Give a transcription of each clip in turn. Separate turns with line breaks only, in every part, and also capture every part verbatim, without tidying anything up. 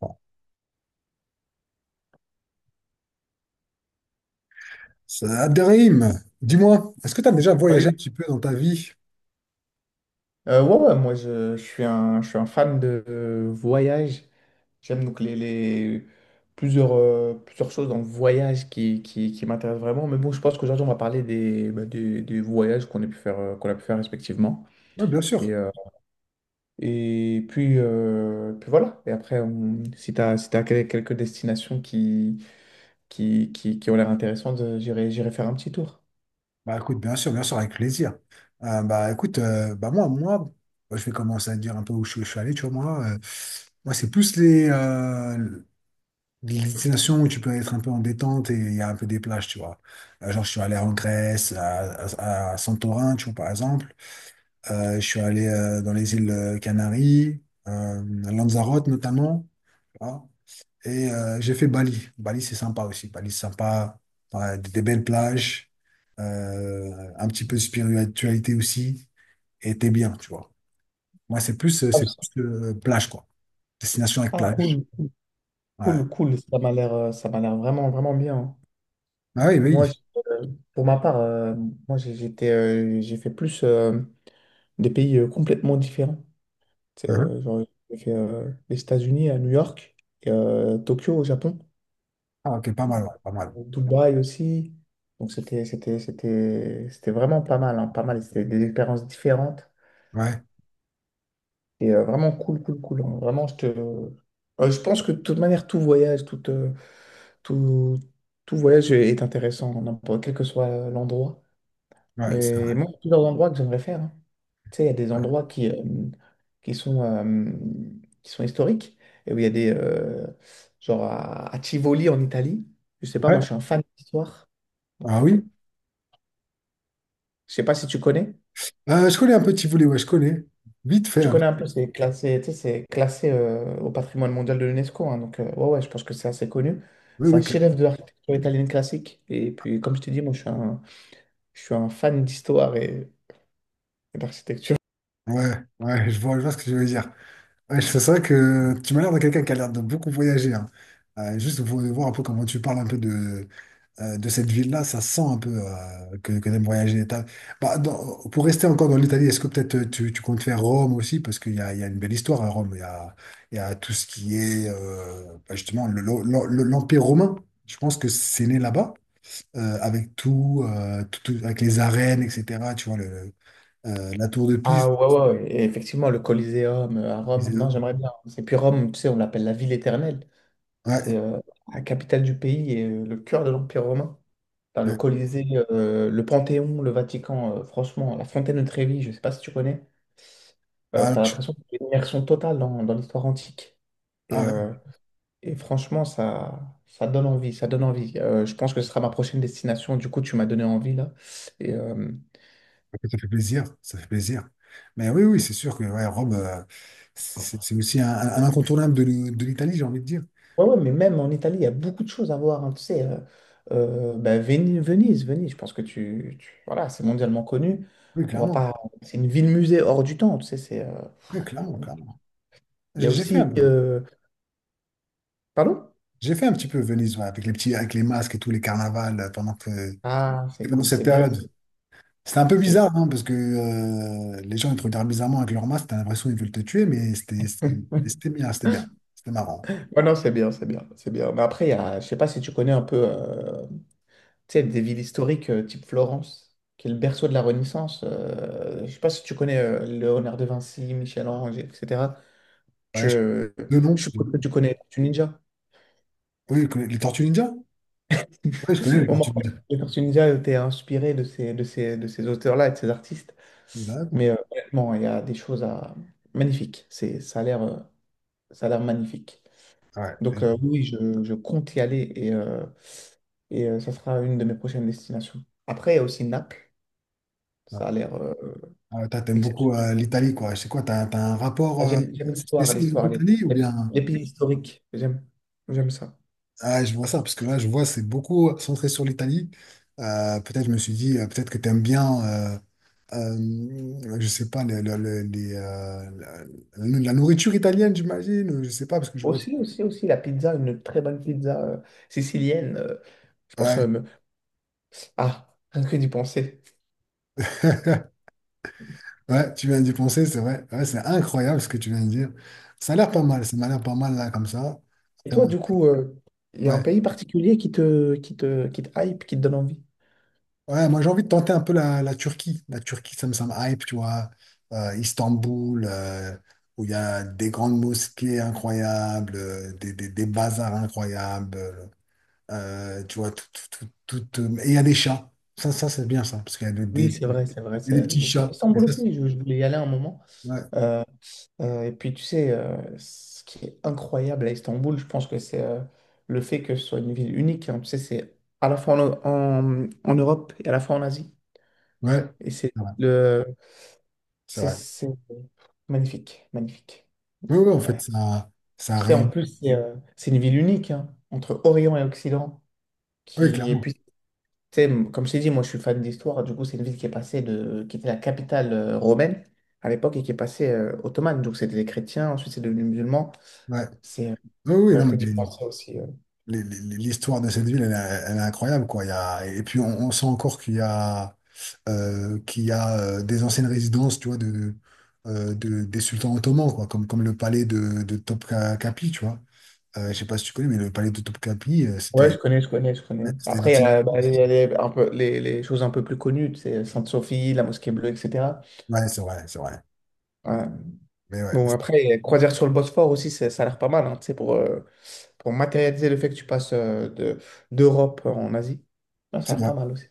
Bon, ça, Abderrahim, dis-moi, est-ce que tu as déjà voyagé un
Salut.
petit peu dans ta vie?
Euh, ouais, ouais, moi je, je suis un, je suis un fan de euh, voyage. J'aime donc les, les- plusieurs, euh, plusieurs choses dans le voyage qui, qui, qui m'intéressent vraiment. Mais bon, je pense qu'aujourd'hui on va parler des, bah, des, des voyages qu'on a pu faire, euh, qu'on a pu faire respectivement.
Oui, bien
Et,
sûr.
euh, et puis, euh, puis voilà. Et après, on- si tu as, si t'as quel- quelques destinations qui, qui, qui, qui ont l'air intéressantes, euh, j'irai, j'irai faire un petit tour.
Bah écoute, bien sûr, bien sûr, avec plaisir. Euh, bah écoute, euh, bah moi, moi, bah, je vais commencer à te dire un peu où je, je suis allé, tu vois, moi. Euh, moi, c'est plus les, euh, les destinations où tu peux être un peu en détente et il y a un peu des plages, tu vois. Euh, genre, je suis allé en Grèce, à, à- à Santorin, tu vois, par exemple. Euh, je suis allé euh, dans les îles euh, Canaries, euh, à Lanzarote notamment. Et euh, j'ai fait Bali. Bali, c'est sympa aussi. Bali, c'est sympa. Ouais, des des belles plages, euh, un petit peu de spiritualité aussi. Et t'es bien, tu vois. Moi, c'est plus, euh, c'est plus euh, plage, quoi. Destination avec
Ah,
plage.
cool, cool,
Ouais.
cool, cool. Ça m'a l'air, euh, ça m'a l'air vraiment, vraiment bien.
Ah oui,
Moi, j'-
oui.
euh, pour ma part, euh, moi j'ai- j'étais, euh, j'ai fait plus euh, des pays euh, complètement différents. C'est,
Mhm.
euh, genre, j'ai fait euh, les États-Unis à New York, et, euh, Tokyo au Japon,
Ah, ok, pas mal, ouais, pas mal.
Dubaï aussi. Donc c'était, c'était, c'était, c'était vraiment pas mal, hein, pas mal. C'était des expériences différentes
Ouais,
et euh, vraiment cool, cool, cool, hein. Vraiment, je te, euh, je pense que de toute manière, tout voyage, tout, euh, tout, tout voyage est intéressant, n'importe- quel que soit l'endroit.
ouais, c'est vrai.
Mais moi, il y a plusieurs endroits que j'aimerais faire, hein. Tu sais, il y a des
Ouais.
endroits qui, euh, qui sont, euh, qui sont historiques, et où il y a des... euh, genre à, à Tivoli, en Italie. Je sais pas, moi,
Ouais.
je suis un fan d'histoire. Donc,
Ah
euh,
oui.
je sais pas si tu connais.
Euh, je connais un peu Tivoli, ouais, je connais. Vite fait,
Tu
hein,
connais
vite.
un peu, c'est classé, tu sais, c'est classé euh, au patrimoine mondial de l'UNESCO, hein. Donc, euh, ouais, ouais, je pense que c'est assez connu.
Oui,
C'est un
oui,
chef-d'œuvre
clairement.
de l'architecture italienne classique. Et puis, comme je t'ai dit, moi, je suis un, je suis un fan d'histoire et et d'architecture.
Ouais, ouais, je vois, je vois ce que je veux dire. Ouais, c'est vrai que tu m'as l'air de quelqu'un qui a l'air de beaucoup voyager, hein. Euh, juste pour voir un peu comment tu parles un peu de, euh, de cette ville-là, ça sent un peu euh, que, que t'aimes voyager. T'as- Bah, dans- pour rester encore dans l'Italie, est-ce que peut-être euh, tu, tu comptes faire Rome aussi? Parce qu'il y a, il y a une belle histoire à Rome. Il y a, il y a tout ce qui est euh, bah, justement le- le- le- l'Empire romain. Je pense que c'est né là-bas, euh, avec tout, euh, tout- tout- avec les arènes, et cetera. Tu vois, le, euh, la tour de
Ah
Pise.
ouais, ouais, ouais. Et effectivement, le Coliseum euh, à Rome, non, j'aimerais bien. Et puis Rome, tu sais, on l'appelle la ville éternelle. C'est
Ouais,
euh, la capitale du pays et euh, le cœur de l'Empire romain. T'as le
ouais.
Colisée, euh, le Panthéon, le Vatican, euh, franchement, la Fontaine de Trévi, je sais pas si tu connais. Euh,
Ah,
t'as
je-
l'impression que c'est une immersion totale dans, dans l'histoire antique. Et,
ah,
euh,
ouais.
et franchement, ça, ça donne envie, ça donne envie. Euh, je pense que ce sera ma prochaine destination. Du coup, tu m'as donné envie là. Et, euh,
Ça fait plaisir, ça fait plaisir. Mais oui, oui, c'est sûr que ouais, Rome, euh, c'est c'est- c'est aussi un, un incontournable de l'I- de l'Italie, j'ai envie de dire.
Ouais, ouais, mais même en Italie, il y a beaucoup de choses à voir, hein. Tu sais, euh, euh, bah, Veni- Venise, Venise, je pense que tu, tu- voilà, c'est mondialement connu.
Oui,
On va
clairement.
pas, c'est une ville-musée hors du temps. Tu sais, c'est, euh,
Oui, clairement, clairement.
il y
J'ai
a
j'ai fait,
aussi,
un-
euh, pardon?
j'ai fait un petit peu Venise, ouais, avec les petits, avec les masques et tous les carnavals euh, pendant que,
Ah, c'est
pendant
cool,
cette
c'est bien.
période.
C'est,
C'était un peu
c'est-
bizarre, hein, parce que euh, les gens ils te regardent bizarrement avec leurs masques, t'as l'impression qu'ils veulent te tuer, mais c'était c'était- c'était bien, c'était bien, c'était marrant.
Ouais, non, c'est bien, c'est bien, c'est bien. Mais après, il y a, je sais pas si tu connais un peu, euh, tu sais, des villes historiques euh, type Florence, qui est le berceau de la Renaissance. euh, je sais pas si tu connais euh, Léonard de Vinci, Michel-Ange, et cetera.
Ouais, je...
Je,
De
je
nom, de
suppose que
nom.
tu connais Tortue Ninja.
Oui, je connais les Tortues Ninja? Oui, je connais les
Bon, moi,
Tortues Ninja.
les Tortues Ninja étaient inspiré de ces, de ces, de ces auteurs-là et de ces artistes.
D'accord.
Mais euh, honnêtement, il y a des choses à... magnifiques. C'est, ça a l'air, euh, ça a l'air magnifique. Donc euh, oui, je, je compte y aller et, euh, et euh, ça sera une de mes prochaines destinations. Après, il y a aussi Naples.
Ouais.
Ça a l'air euh,
Ah, toi, t'aimes beaucoup
exceptionnel.
euh, l'Italie, quoi. C'est quoi, t'as, t'as un rapport
Ah,
euh,
J'aime, j'aime l'histoire,
spécial avec
l'histoire, les,
l'Italie ou
les-
bien...
les pays historiques. J'aime, j'aime ça.
Ah, je vois ça, parce que là, je vois, c'est beaucoup euh, centré sur l'Italie. Euh, peut-être, je me suis dit, euh, peut-être que t'aimes bien, euh, euh, je sais pas, le- le- le- les, euh, la, la nourriture italienne, j'imagine. Ou je sais pas, parce que je vois...
Aussi, aussi, aussi, la pizza, une très bonne pizza euh, sicilienne. euh, je pense.
Ouais,
euh, me- Ah, rien que d'y penser.
ouais, tu viens d'y penser, c'est vrai. Ouais, c'est incroyable ce que tu viens de dire. Ça a l'air pas mal, ça m'a l'air pas mal, là, comme ça.
Et
Après,
toi,
moi...
du coup, il y a un
ouais.
pays particulier qui te, qui te, qui te hype, qui te donne envie?
Ouais, moi j'ai envie de tenter un peu la, la Turquie. La Turquie, ça me, ça me hype, tu vois. Euh, Istanbul, euh, où il y a des grandes mosquées incroyables, euh, des, des, des bazars incroyables, euh, tu vois, tout, tout, tout, tout, euh, et il y a des chats. Ça, ça c'est bien ça, parce qu'il y a des,
Oui,
des,
c'est vrai, c'est vrai,
il
c'est
y a
la
des
ville
petits
des chats.
chats. Et
Istanbul
ça, c'est-
aussi, je, je voulais y aller un moment.
ouais,
Euh, et puis, tu sais, euh, ce qui est incroyable à Istanbul, je pense que c'est euh, le fait que ce soit une ville unique, hein. Tu sais, c'est à la fois en, en, en Europe et à la fois en Asie.
ouais,
Et c'est
c'est vrai.
le,
C'est
c'est
vrai.
c'est magnifique, magnifique.
Oui, oui, en fait, ça, ça
C'est en
réunit.
plus, c'est euh, c'est une ville unique, hein, entre Orient et Occident.
Oui,
Qui, et
clairement.
puis, tu sais, m- comme je t'ai dit, moi je suis fan d'histoire. Du coup, c'est une ville qui est passée de, qui était la capitale euh, romaine à l'époque et qui est passée euh, ottomane. Donc, c'était des chrétiens, ensuite c'est devenu musulman.
Ouais.
C'est euh,
Oui, oui,
ouais,
non,
que
mais
d'y penser aussi. euh.
les- les- les- l'histoire de cette ville, elle, est elle est incroyable, quoi. Il y a... Et puis, on, on sent encore qu'il y a euh, qui a euh, des anciennes résidences, tu vois, de, euh, de- des sultans ottomans, quoi, comme, comme le palais de, de Topkapi, tu vois. Euh, je sais pas si tu connais, mais le palais de Topkapi, euh,
Ouais, je
c'était
connais, je connais, je
ouais,
connais.
c'était
Après, il y
l'ancienne.
a, bah, il y a les, un peu, les, les choses un peu plus connues, c'est Sainte-Sophie, la Mosquée Bleue, et cetera.
Ouais, c'est vrai, c'est vrai.
Ouais.
Mais ouais,
Bon, après, croisière sur le Bosphore aussi, c'est- ça a l'air pas mal, hein, tu sais, pour, euh, pour matérialiser le fait que tu passes euh, de, d'Europe en Asie. Non, ça
c'est
a l'air
vrai.
pas mal aussi.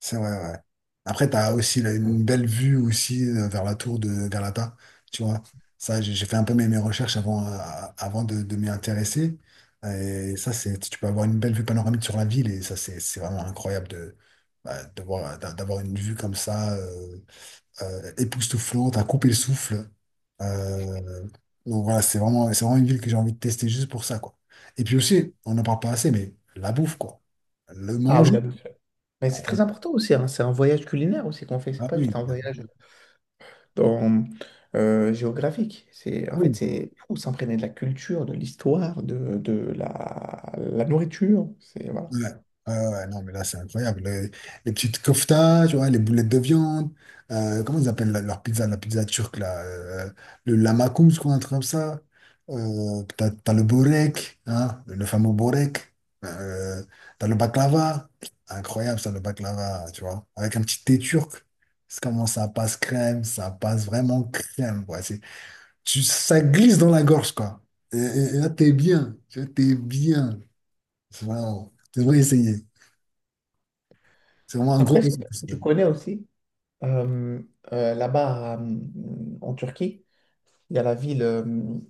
C'est vrai, ouais. Après, t'as aussi là, une belle vue aussi euh, vers la tour de Galata, tu vois. Ça, j'ai j'ai fait un peu mes, mes recherches avant, euh, avant de, de m'y intéresser. Et ça, c'est, tu peux avoir une belle vue panoramique sur la ville et ça, c'est c'est vraiment incroyable de, bah, de voir- d'a- d'avoir une vue comme ça, euh, euh, époustouflante, à couper le souffle. Euh, donc voilà, c'est vraiment, c'est vraiment une ville que j'ai envie de tester juste pour ça, quoi. Et puis aussi, on n'en parle pas assez, mais la bouffe, quoi. Le
Ah oui,
manger.
la bouffe. Mais c'est très important aussi, hein. C'est un voyage culinaire aussi qu'on fait. C'est
Ah
pas
oui,
juste un voyage dans, euh, géographique. C'est,
ah
en fait,
oui.
c'est fou, s'imprégner de la culture, de l'histoire, de, de la, la nourriture. C'est, voilà.
Ouais, ouais, ouais, ouais, non, mais là, c'est incroyable. Le- les petites koftas, tu vois, les boulettes de viande, euh, comment ils appellent la- leur pizza, la pizza turque, là, euh, le lamakoum, je crois, un truc comme ça. Euh, t'as, t'as le borek, hein, le fameux borek. Euh, T'as le baklava, incroyable ça, le baklava, tu vois, avec un petit thé turc. C'est comment ça passe crème, ça passe vraiment crème, quoi. C'est, tu, ça glisse dans la gorge, quoi. Et, et- et là, t'es bien, tu vois, t'es bien. C'est vraiment, tu devrais essayer. C'est vraiment un gros
Après, ce que
concept, ça.
tu connais aussi, euh, euh, là-bas euh, en Turquie, il y a la ville, euh,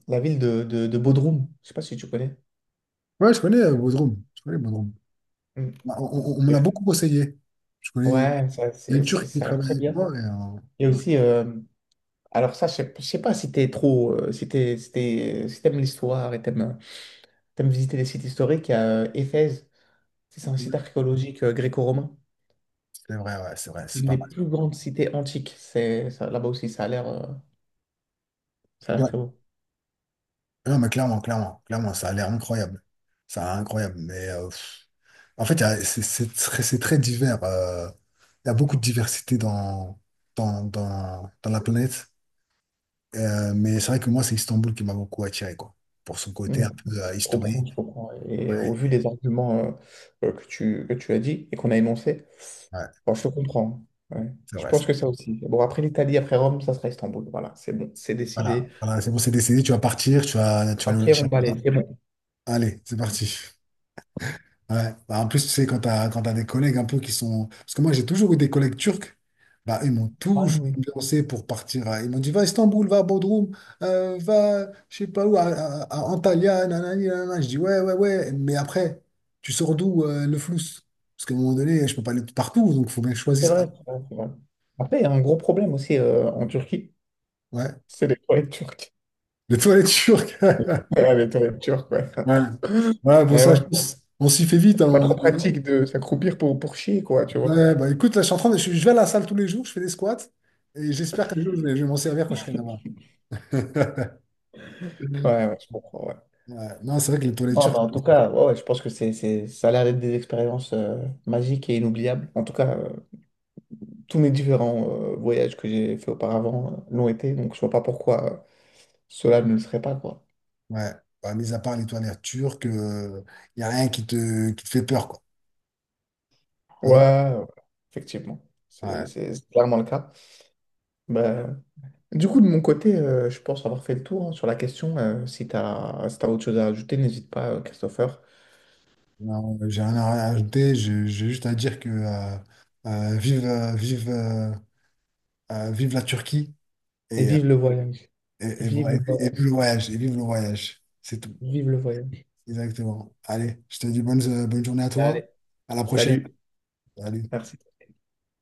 la ville de, de, de Bodrum. Je sais pas si tu connais.
Ouais, je connais euh, Bodrum. Je connais Bodrum. Bah, On, on- on me l'a
Mm.
beaucoup conseillé. Je connais...
Ouais, ça,
Il y a
c'est,
une
c'est-
Turque qui
ça a l'air
travaille
très
avec
bien.
moi. Et,
Il y a
euh,
aussi, euh, alors ça, je sais je sais pas si t'es trop, euh, si t'es, si t'es- si t'aimes l'histoire et t'aimes, t'aimes visiter les sites historiques, il y a euh, Éphèse, c'est un site
euh,
archéologique euh, gréco-romain,
c'est vrai, ouais, c'est vrai, c'est
une
pas
des
mal.
plus grandes cités antiques. C'est, ça- là-bas aussi, ça a l'air, euh, ça a l'air
Ouais.
très beau.
Non, mais clairement, clairement, clairement, ça a l'air incroyable. Ça a l'air incroyable. Mais euh, pff, en fait, il y a- c'est c'est très, c'est très divers. Euh, il y a beaucoup de diversité dans, dans, dans, dans la planète. Euh, mais c'est vrai que moi, c'est Istanbul qui m'a beaucoup attiré, quoi. Pour son côté
Mm.
un peu euh,
Je comprends,
historique.
je comprends. Et
Ouais,
au vu des arguments euh, euh, que tu, que tu as dit et qu'on a énoncés,
ouais,
bon, je te comprends. Ouais.
c'est
Je
vrai.
pense que ça aussi. Bon, après l'Italie, après Rome, ça sera Istanbul. Voilà, c'est bon, c'est
Voilà,
décidé.
voilà, c'est bon, c'est décidé, tu vas partir, tu vas, tu vas nous
Ok,
lâcher.
on balaye, c'est bon.
Allez, c'est parti. Ouais. Bah, en plus, tu sais, quand tu as, quand t'as des collègues un peu qui sont... Parce que moi, j'ai toujours eu des collègues turcs, bah, ils m'ont
Ah
toujours
oui.
lancé pour partir. à- Ils m'ont dit, va à Istanbul, va à Bodrum, euh, va, je sais pas où, à, à- à Antalya, nanani, nanana. Je dis, ouais, ouais, ouais, mais après, tu sors d'où euh, le flous? Parce qu'à un moment donné, je peux pas aller partout, donc il faut bien que je
C'est
choisisse. Un.
vrai, c'est vrai, c'est vrai. Après, il y a un gros problème aussi euh, en Turquie,
Ouais,
c'est les toilettes turques.
le toilette turc.
Ouais, les toilettes turques, ouais.
Ouais. Voilà, bon,
Et
ça,
ouais,
je pense, on s'y fait vite,
c'est pas
hein.
trop pratique de s'accroupir pour, pour chier, quoi, tu vois.
Ouais, bah écoute, là, je suis en train de- je, je vais à la salle tous les jours, je fais des squats et j'espère qu'un jour je vais, je vais m'en servir quand je serai là-bas.
Ouais, ouais, je comprends, ouais.
Ouais. Non, c'est vrai que les toilettes
Non, mais
turques,
en tout cas, ouais, ouais, je pense que c'est, c'est, ça a l'air d'être des expériences euh, magiques et inoubliables. En tout cas, euh, tous mes différents euh, voyages que j'ai fait auparavant euh, l'ont été, donc je vois pas pourquoi euh, cela ne le serait pas, quoi.
ouais, bah, mis à part les toilettes turques, il n'y a rien qui te, qui te fait peur, quoi.
Ouais,
Hein.
ouais, effectivement,
Ouais.
c'est c'est clairement le cas. Ben. Du coup, de mon côté, euh, je pense avoir fait le tour, hein, sur la question. Euh, si tu as, si t'as autre chose à ajouter, n'hésite pas, euh, Christopher.
Non, j'ai rien à rajouter, j'ai j'ai juste à dire que euh, euh, vive, euh, vive, euh, euh, vive la Turquie
Et
et, euh,
vive le voyage.
et, et
Vive
voilà,
le
et vi- et vive
voyage.
le voyage, et vive le voyage, c'est tout.
Vive le voyage.
Exactement. Allez, je te dis bonne, bonne journée à toi,
Allez,
à la prochaine.
salut.
Salut.
Merci.